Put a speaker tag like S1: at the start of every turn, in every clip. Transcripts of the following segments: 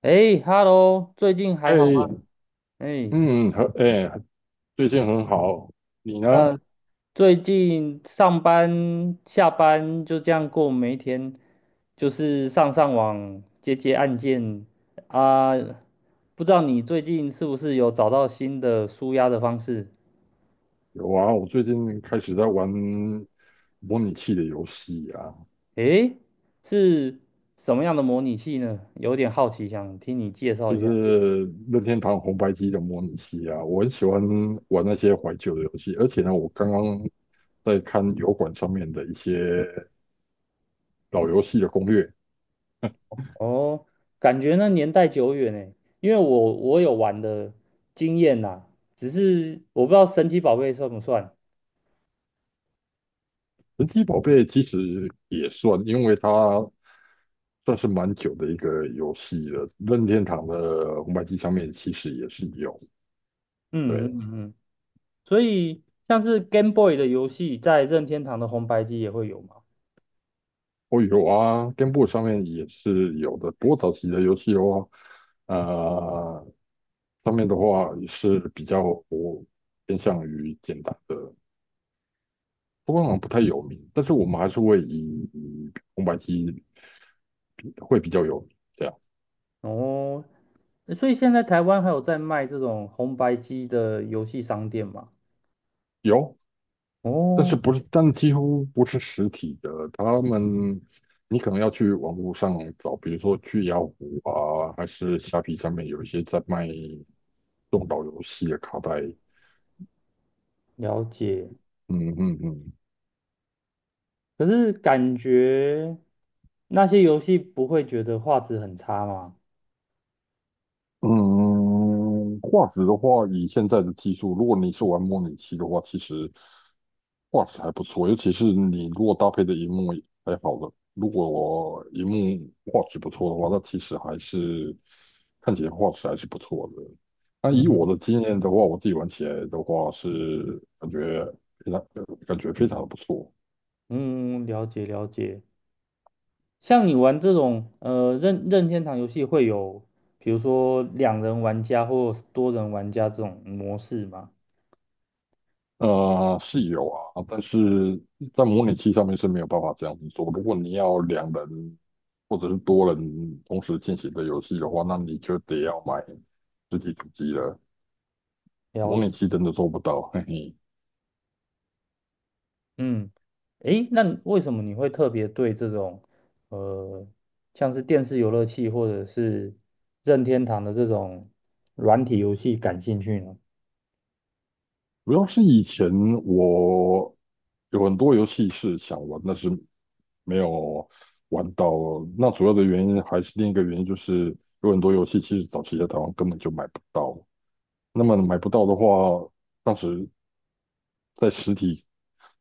S1: 哎，Hello，最近还好吗？
S2: 哎，
S1: 哎，
S2: 嗯，很，哎，最近很好。你呢？
S1: 嗯，最近上班下班就这样过每一天，就是上上网接接案件啊。不知道你最近是不是有找到新的舒压的方式？
S2: 有啊，我最近开始在玩模拟器的游戏啊，
S1: 哎，是什么样的模拟器呢？有点好奇，想听你介绍
S2: 就
S1: 一下。
S2: 是任天堂红白机的模拟器啊。我很喜欢玩那些怀旧的游戏，而且呢，我刚刚在看油管上面的一些老游戏的攻略。
S1: 哦，感觉那年代久远哎，因为我有玩的经验呐，只是我不知道神奇宝贝算不算。
S2: 神奇宝贝其实也算，因为它算是蛮久的一个游戏了。任天堂的红白机上面其实也是有。
S1: 嗯嗯
S2: 对。
S1: 嗯，嗯，所以像是 Game Boy 的游戏，在任天堂的红白机也会有嘛？
S2: 哦，有啊， g a 上面也是有的，不过早期的游戏的话，呃，上面的话也是比较我偏向于简单的，不过好像不太有名，但是我们还是会以红白机会比较有名，这样
S1: 哦，所以现在台湾还有在卖这种红白机的游戏商店嘛？
S2: 有，但是
S1: 哦，
S2: 不是，但几乎不是实体的，他们你可能要去网络上找，比如说去雅虎啊，还是虾皮上面有一些在卖这岛游戏的卡带。
S1: 了解。
S2: 嗯嗯嗯，
S1: 可是感觉那些游戏不会觉得画质很差吗？
S2: 嗯，画质的话，以现在的技术，如果你是玩模拟器的话，其实画质还不错，尤其是你如果搭配的荧幕还好的，如果我荧幕画质不错的话，那其实还是看起来画质还是不错的。那以
S1: 嗯
S2: 我的经验的话，我自己玩起来的话是感觉非常感觉非常的不错。
S1: 嗯，嗯了解了解。像你玩这种任天堂游戏，会有比如说两人玩家或多人玩家这种模式吗？
S2: 是有啊，但是在模拟器上面是没有办法这样子做。如果你要两人或者是多人同时进行的游戏的话，那你就得要买实体主机了。模
S1: 了。
S2: 拟器真的做不到，嘿嘿。
S1: 嗯，诶，那为什么你会特别对这种呃，像是电视游乐器或者是任天堂的这种软体游戏感兴趣呢？
S2: 主要是以前我有很多游戏是想玩，但是没有玩到。那主要的原因还是另一个原因，就是有很多游戏其实早期在台湾根本就买不到。那么买不到的话，当时在实体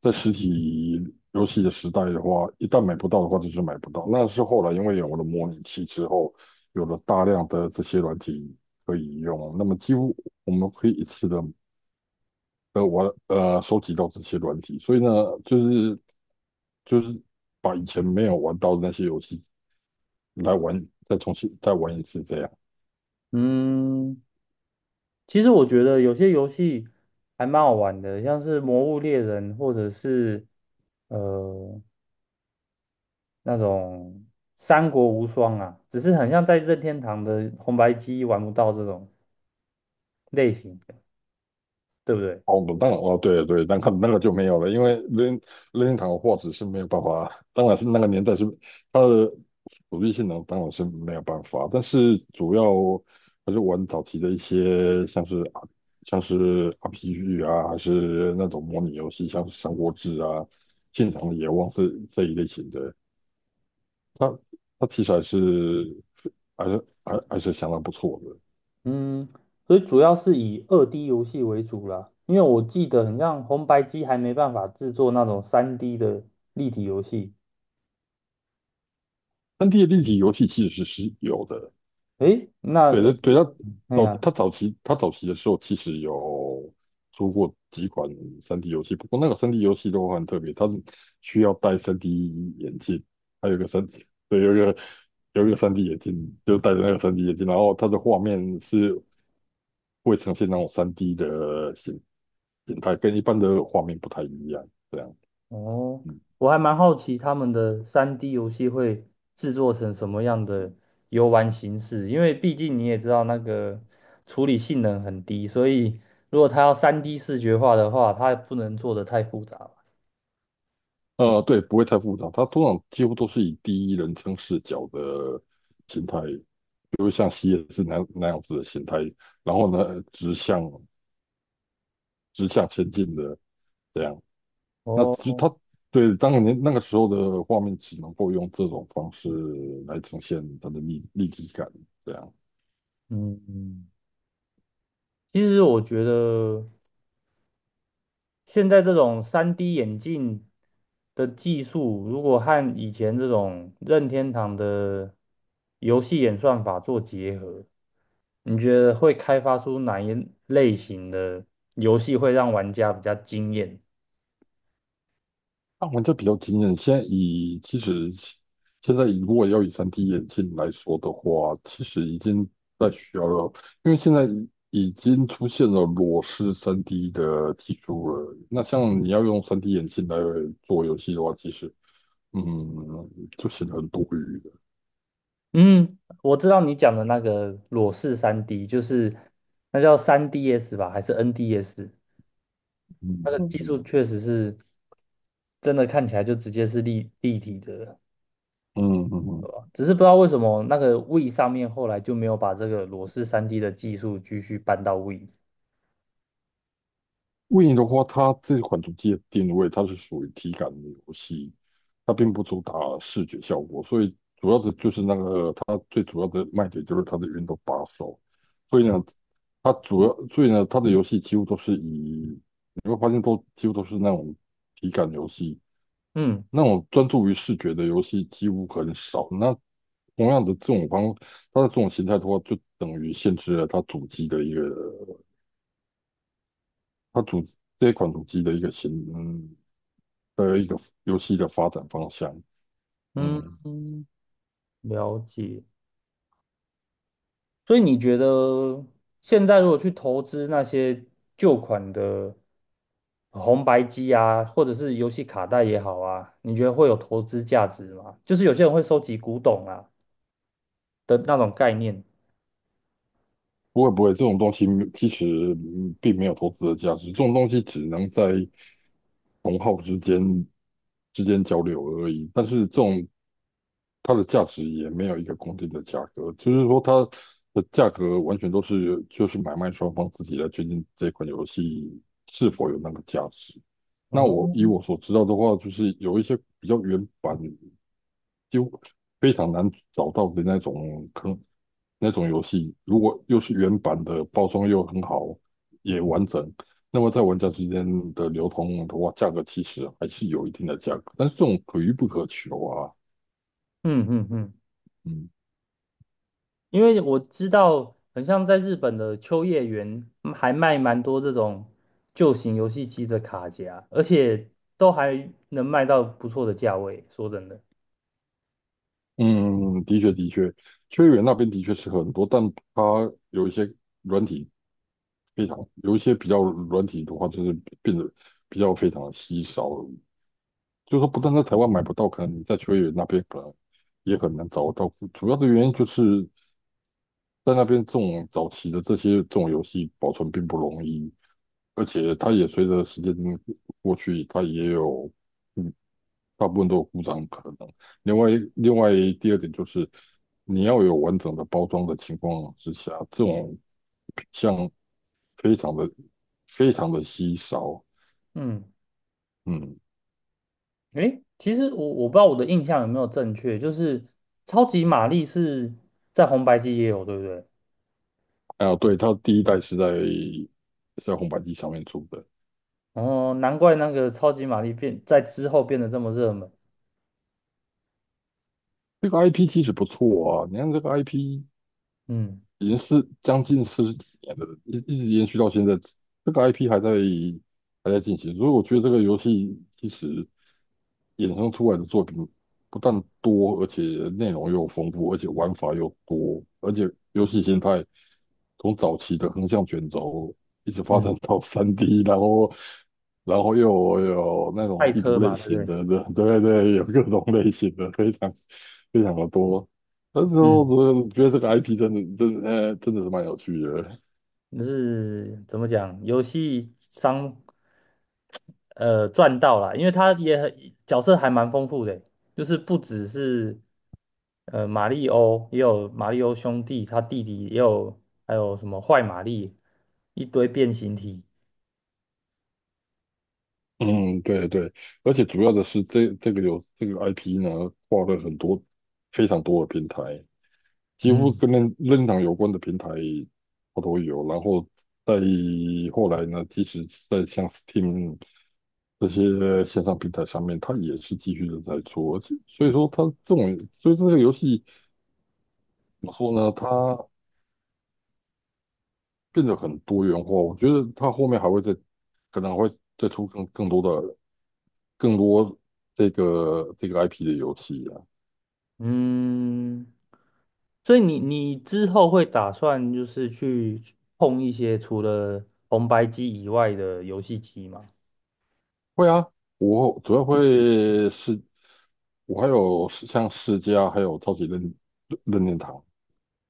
S2: 在实体游戏的时代的话，一旦买不到的话，就是买不到。那是后来因为有了模拟器之后，有了大量的这些软体可以用，那么几乎我们可以一次的玩收集到这些软体，所以呢，就是就是把以前没有玩到的那些游戏来玩，再重新再玩一次这样。
S1: 嗯，其实我觉得有些游戏还蛮好玩的，像是《魔物猎人》或者是呃那种《三国无双》啊，只是很像在任天堂的红白机玩不到这种类型的对不对？
S2: 哦，当然哦，对对，那个就没有了，因为任天堂的画质是没有办法，当然是那个年代是它的主机性能当然是没有办法，但是主要还是玩早期的一些像是 RPG 啊，还是那种模拟游戏，像是《三国志》啊、《信场的野望》这一类型的，它它题材是还是相当不错的
S1: 嗯，所以主要是以2D 游戏为主啦，因为我记得很像红白机还没办法制作那种三 D 的立体游戏。
S2: ，3D 立体游戏其实是是有的。
S1: 诶，那
S2: 对对
S1: 诶，
S2: 对，
S1: 哎呀，
S2: 他早期的时候其实有出过几款三 d 游戏，不过那个三 d 游戏都很特别，它需要戴三 d 眼镜，还有一个三 d 对，有一个三 d 眼镜，就戴着那个三 d 眼镜，然后它的画面是会呈现那种三 d 的形态，跟一般的画面不太一样，这样，
S1: 哦，
S2: 嗯，
S1: 我还蛮好奇他们的三 D 游戏会制作成什么样的游玩形式，因为毕竟你也知道那个处理性能很低，所以如果它要三 D 视觉化的话，它不能做得太复杂吧。
S2: 呃，对，不会太复杂，它通常几乎都是以第一人称视角的形态就会像 C 也是那样子的形态，然后呢，直向前进的这样。那其实
S1: 哦，
S2: 它对当年那个时候的画面，只能够用这种方式来呈现它的立体感，这样
S1: 嗯，其实我觉得。现在这种三 d 眼镜的技术，如果和以前这种任天堂的游戏演算法做结合，你觉得会开发出哪一类型的游戏会让玩家比较惊艳？
S2: 让玩家比较惊艳。现在如果要以 3D 眼镜来说的话，其实已经在需要了，因为现在。已经出现了裸视 3D 的技术了。那像你要用 3D 眼镜来做游戏的话，其实嗯，就显得很多余的。
S1: 嗯，我知道你讲的那个裸视三 d 就是那叫3DS 吧，还是 NDS？
S2: 嗯
S1: 它的
S2: 嗯，
S1: 技术
S2: 嗯
S1: 确实是真的看起来就直接是立体的，
S2: 嗯嗯嗯嗯
S1: 只是不知道为什么那个 Wii 上面后来就没有把这个裸视三 d 的技术继续搬到 Wii。
S2: w i 的话，它这款主机的定位，它是属于体感的游戏，它并不主打视觉效果，所以主要的就是那个它最主要的卖点就是它的运动把手，所以呢，它的游戏几乎都是以你会发现都几乎都是那种体感游戏，
S1: 嗯
S2: 那种专注于视觉的游戏几乎很少。那同样的这种方，它的这种形态的话，就等于限制了它主机的一个，它主这一款主机的一个形，嗯，的一个游戏的发展方向。
S1: 嗯，
S2: 嗯，
S1: 了解。所以你觉得现在如果去投资那些旧款的红白机啊，或者是游戏卡带也好啊，你觉得会有投资价值吗？就是有些人会收集古董啊的那种概念。
S2: 不会不会，这种东西其实嗯并没有投资的价值，这种东西只能在同好之间之间交流而已。但是这种它的价值也没有一个固定的价格，就是说它的价格完全都是就是买卖双方自己来决定这款游戏是否有那个价值。那我
S1: 哦，
S2: 以我所知道的话，就是有一些比较原版，就非常难找到的那种坑，那种游戏，如果又是原版的，包装又很好，也完整，那么在玩家之间的流通的话，价格其实还是有一定的价格，但是这种可遇不可求啊。
S1: 嗯嗯嗯。
S2: 嗯
S1: 因为我知道，很像在日本的秋叶原还卖蛮多这种旧型游戏机的卡夹，而且都还能卖到不错的价位。说真的，
S2: 嗯，的确的确，秋叶原那边的确是很多，但它有一些软体非常，有一些比较软体的话，就是变得比较非常的稀少，就是说不但在台湾买不到，可能你在秋叶原那边可能也很难找得到。主要的原因就是在那边这种早期的这些这种游戏保存并不容易，而且它也随着时间过去，它也有嗯大部分都有故障可能。另外，另外第二点就是你要有完整的包装的情况之下，这种像非常的非常的稀少。
S1: 嗯，
S2: 嗯，
S1: 诶，其实我不知道我的印象有没有正确，就是超级玛丽是在红白机也有，对不对？
S2: 啊，对，它第一代是在红白机上面出的。
S1: 哦，难怪那个超级玛丽变在之后变得这么热门。
S2: 这个 IP 其实不错啊，你看这个 IP
S1: 嗯
S2: 已经是将近四十几年了，一直延续到现在，这个 IP 还在进行，所以我觉得这个游戏其实衍生出来的作品不但多，而且内容又丰富，而且玩法又多，而且游戏形态从早期的横向卷轴一直发
S1: 嗯，
S2: 展到 3D，然后又有那种
S1: 赛
S2: 地
S1: 车
S2: 图类
S1: 嘛，对不
S2: 型
S1: 对？
S2: 的，对对对，有各种类型的，非常的多。那时候
S1: 嗯，
S2: 我觉得这个 IP 真的是蛮有趣的，
S1: 就是怎么讲，游戏商赚到了，因为他也很角色还蛮丰富的，就是不只是马里欧，也有马里欧兄弟，他弟弟也有，还有什么坏玛丽，一堆变形体。
S2: 嗯，对对，而且主要的是这个IP 呢，跨了很多非常多的平台，几乎
S1: 嗯
S2: 跟任任堂有关的平台它都有。然后在后来呢，即使在像 Steam。这些线上平台上面，它也是继续的在做，而且所以说它这种，所以这个游戏怎么说呢？它变得很多元化，我觉得它后面还会再，可能还会再出更多的更多这个 IP 的游戏啊。
S1: 嗯，所以你之后会打算就是去碰一些除了红白机以外的游戏机吗？
S2: 会啊，我主要会是，我还有像世嘉，还有超级任任天堂，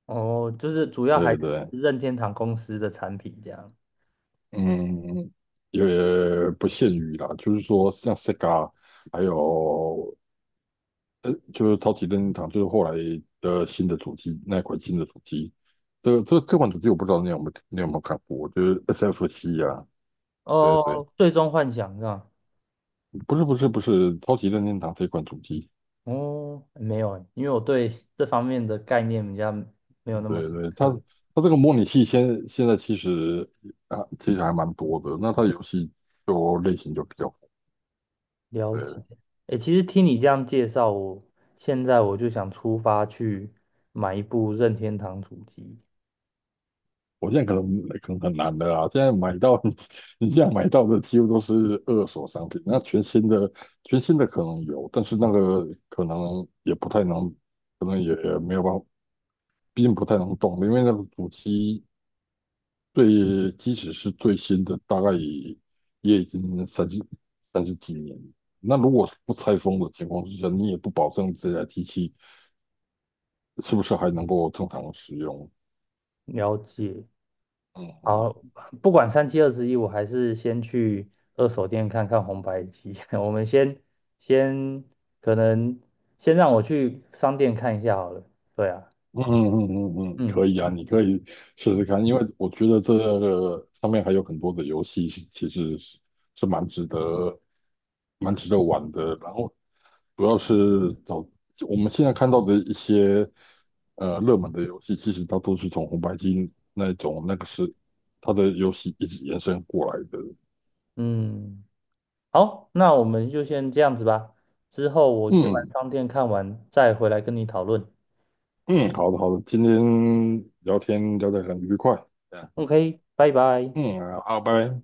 S1: 哦，就是主要
S2: 对
S1: 还
S2: 对
S1: 是
S2: 对，
S1: 任天堂公司的产品这样。
S2: 嗯，也不限于啦，就是说像 Sega。还有呃，就是超级任天堂，就是后来的新的主机，那一款新的主机，这款主机我不知道你有没有看过，就是 SFC 啊，对对，
S1: 哦，最终幻想是吧？
S2: 不是超级任天堂这款主机，
S1: 哦，没有欸，因为我对这方面的概念比较没有那么
S2: 对
S1: 深
S2: 对，
S1: 刻。
S2: 它这个模拟器现在其实其实还蛮多的，那它游戏就类型就比较
S1: 了解。
S2: 对。
S1: 诶，其实听你这样介绍，我现在我就想出发去买一部任天堂主机，
S2: 我现在可能很难的啊！现在买到 你现在买到的几乎都是二手商品，那全新的可能有，但是那个可能也不太能，可能也没有办法，毕竟不太能动，因为那个主机最即使是最新的，大概也也已经三十几年了，那如果是不拆封的情况之下，你也不保证这台机器是不是还能够正常使用。
S1: 了解。
S2: 嗯
S1: 好，
S2: 嗯
S1: 不管三七二十一，我还是先去二手店看看红白机。我们先可能先让我去商店看一下好了。对啊，
S2: 嗯嗯嗯嗯，嗯，
S1: 嗯
S2: 可以啊，你可以试试看，因为我觉得这个上面还有很多的游戏，其实是蛮值得玩的。然后主要是找我们现在看到的一些呃热门的游戏，其实它都是从红白机那种那个是它的游戏一直延伸过来的。
S1: 嗯。好，那我们就先这样子吧。之后我去完
S2: 嗯
S1: 商店看完，再回来跟你讨论。
S2: 嗯，好的好的，今天聊天聊得很愉快，嗯
S1: OK，拜拜。
S2: 嗯，好，拜拜。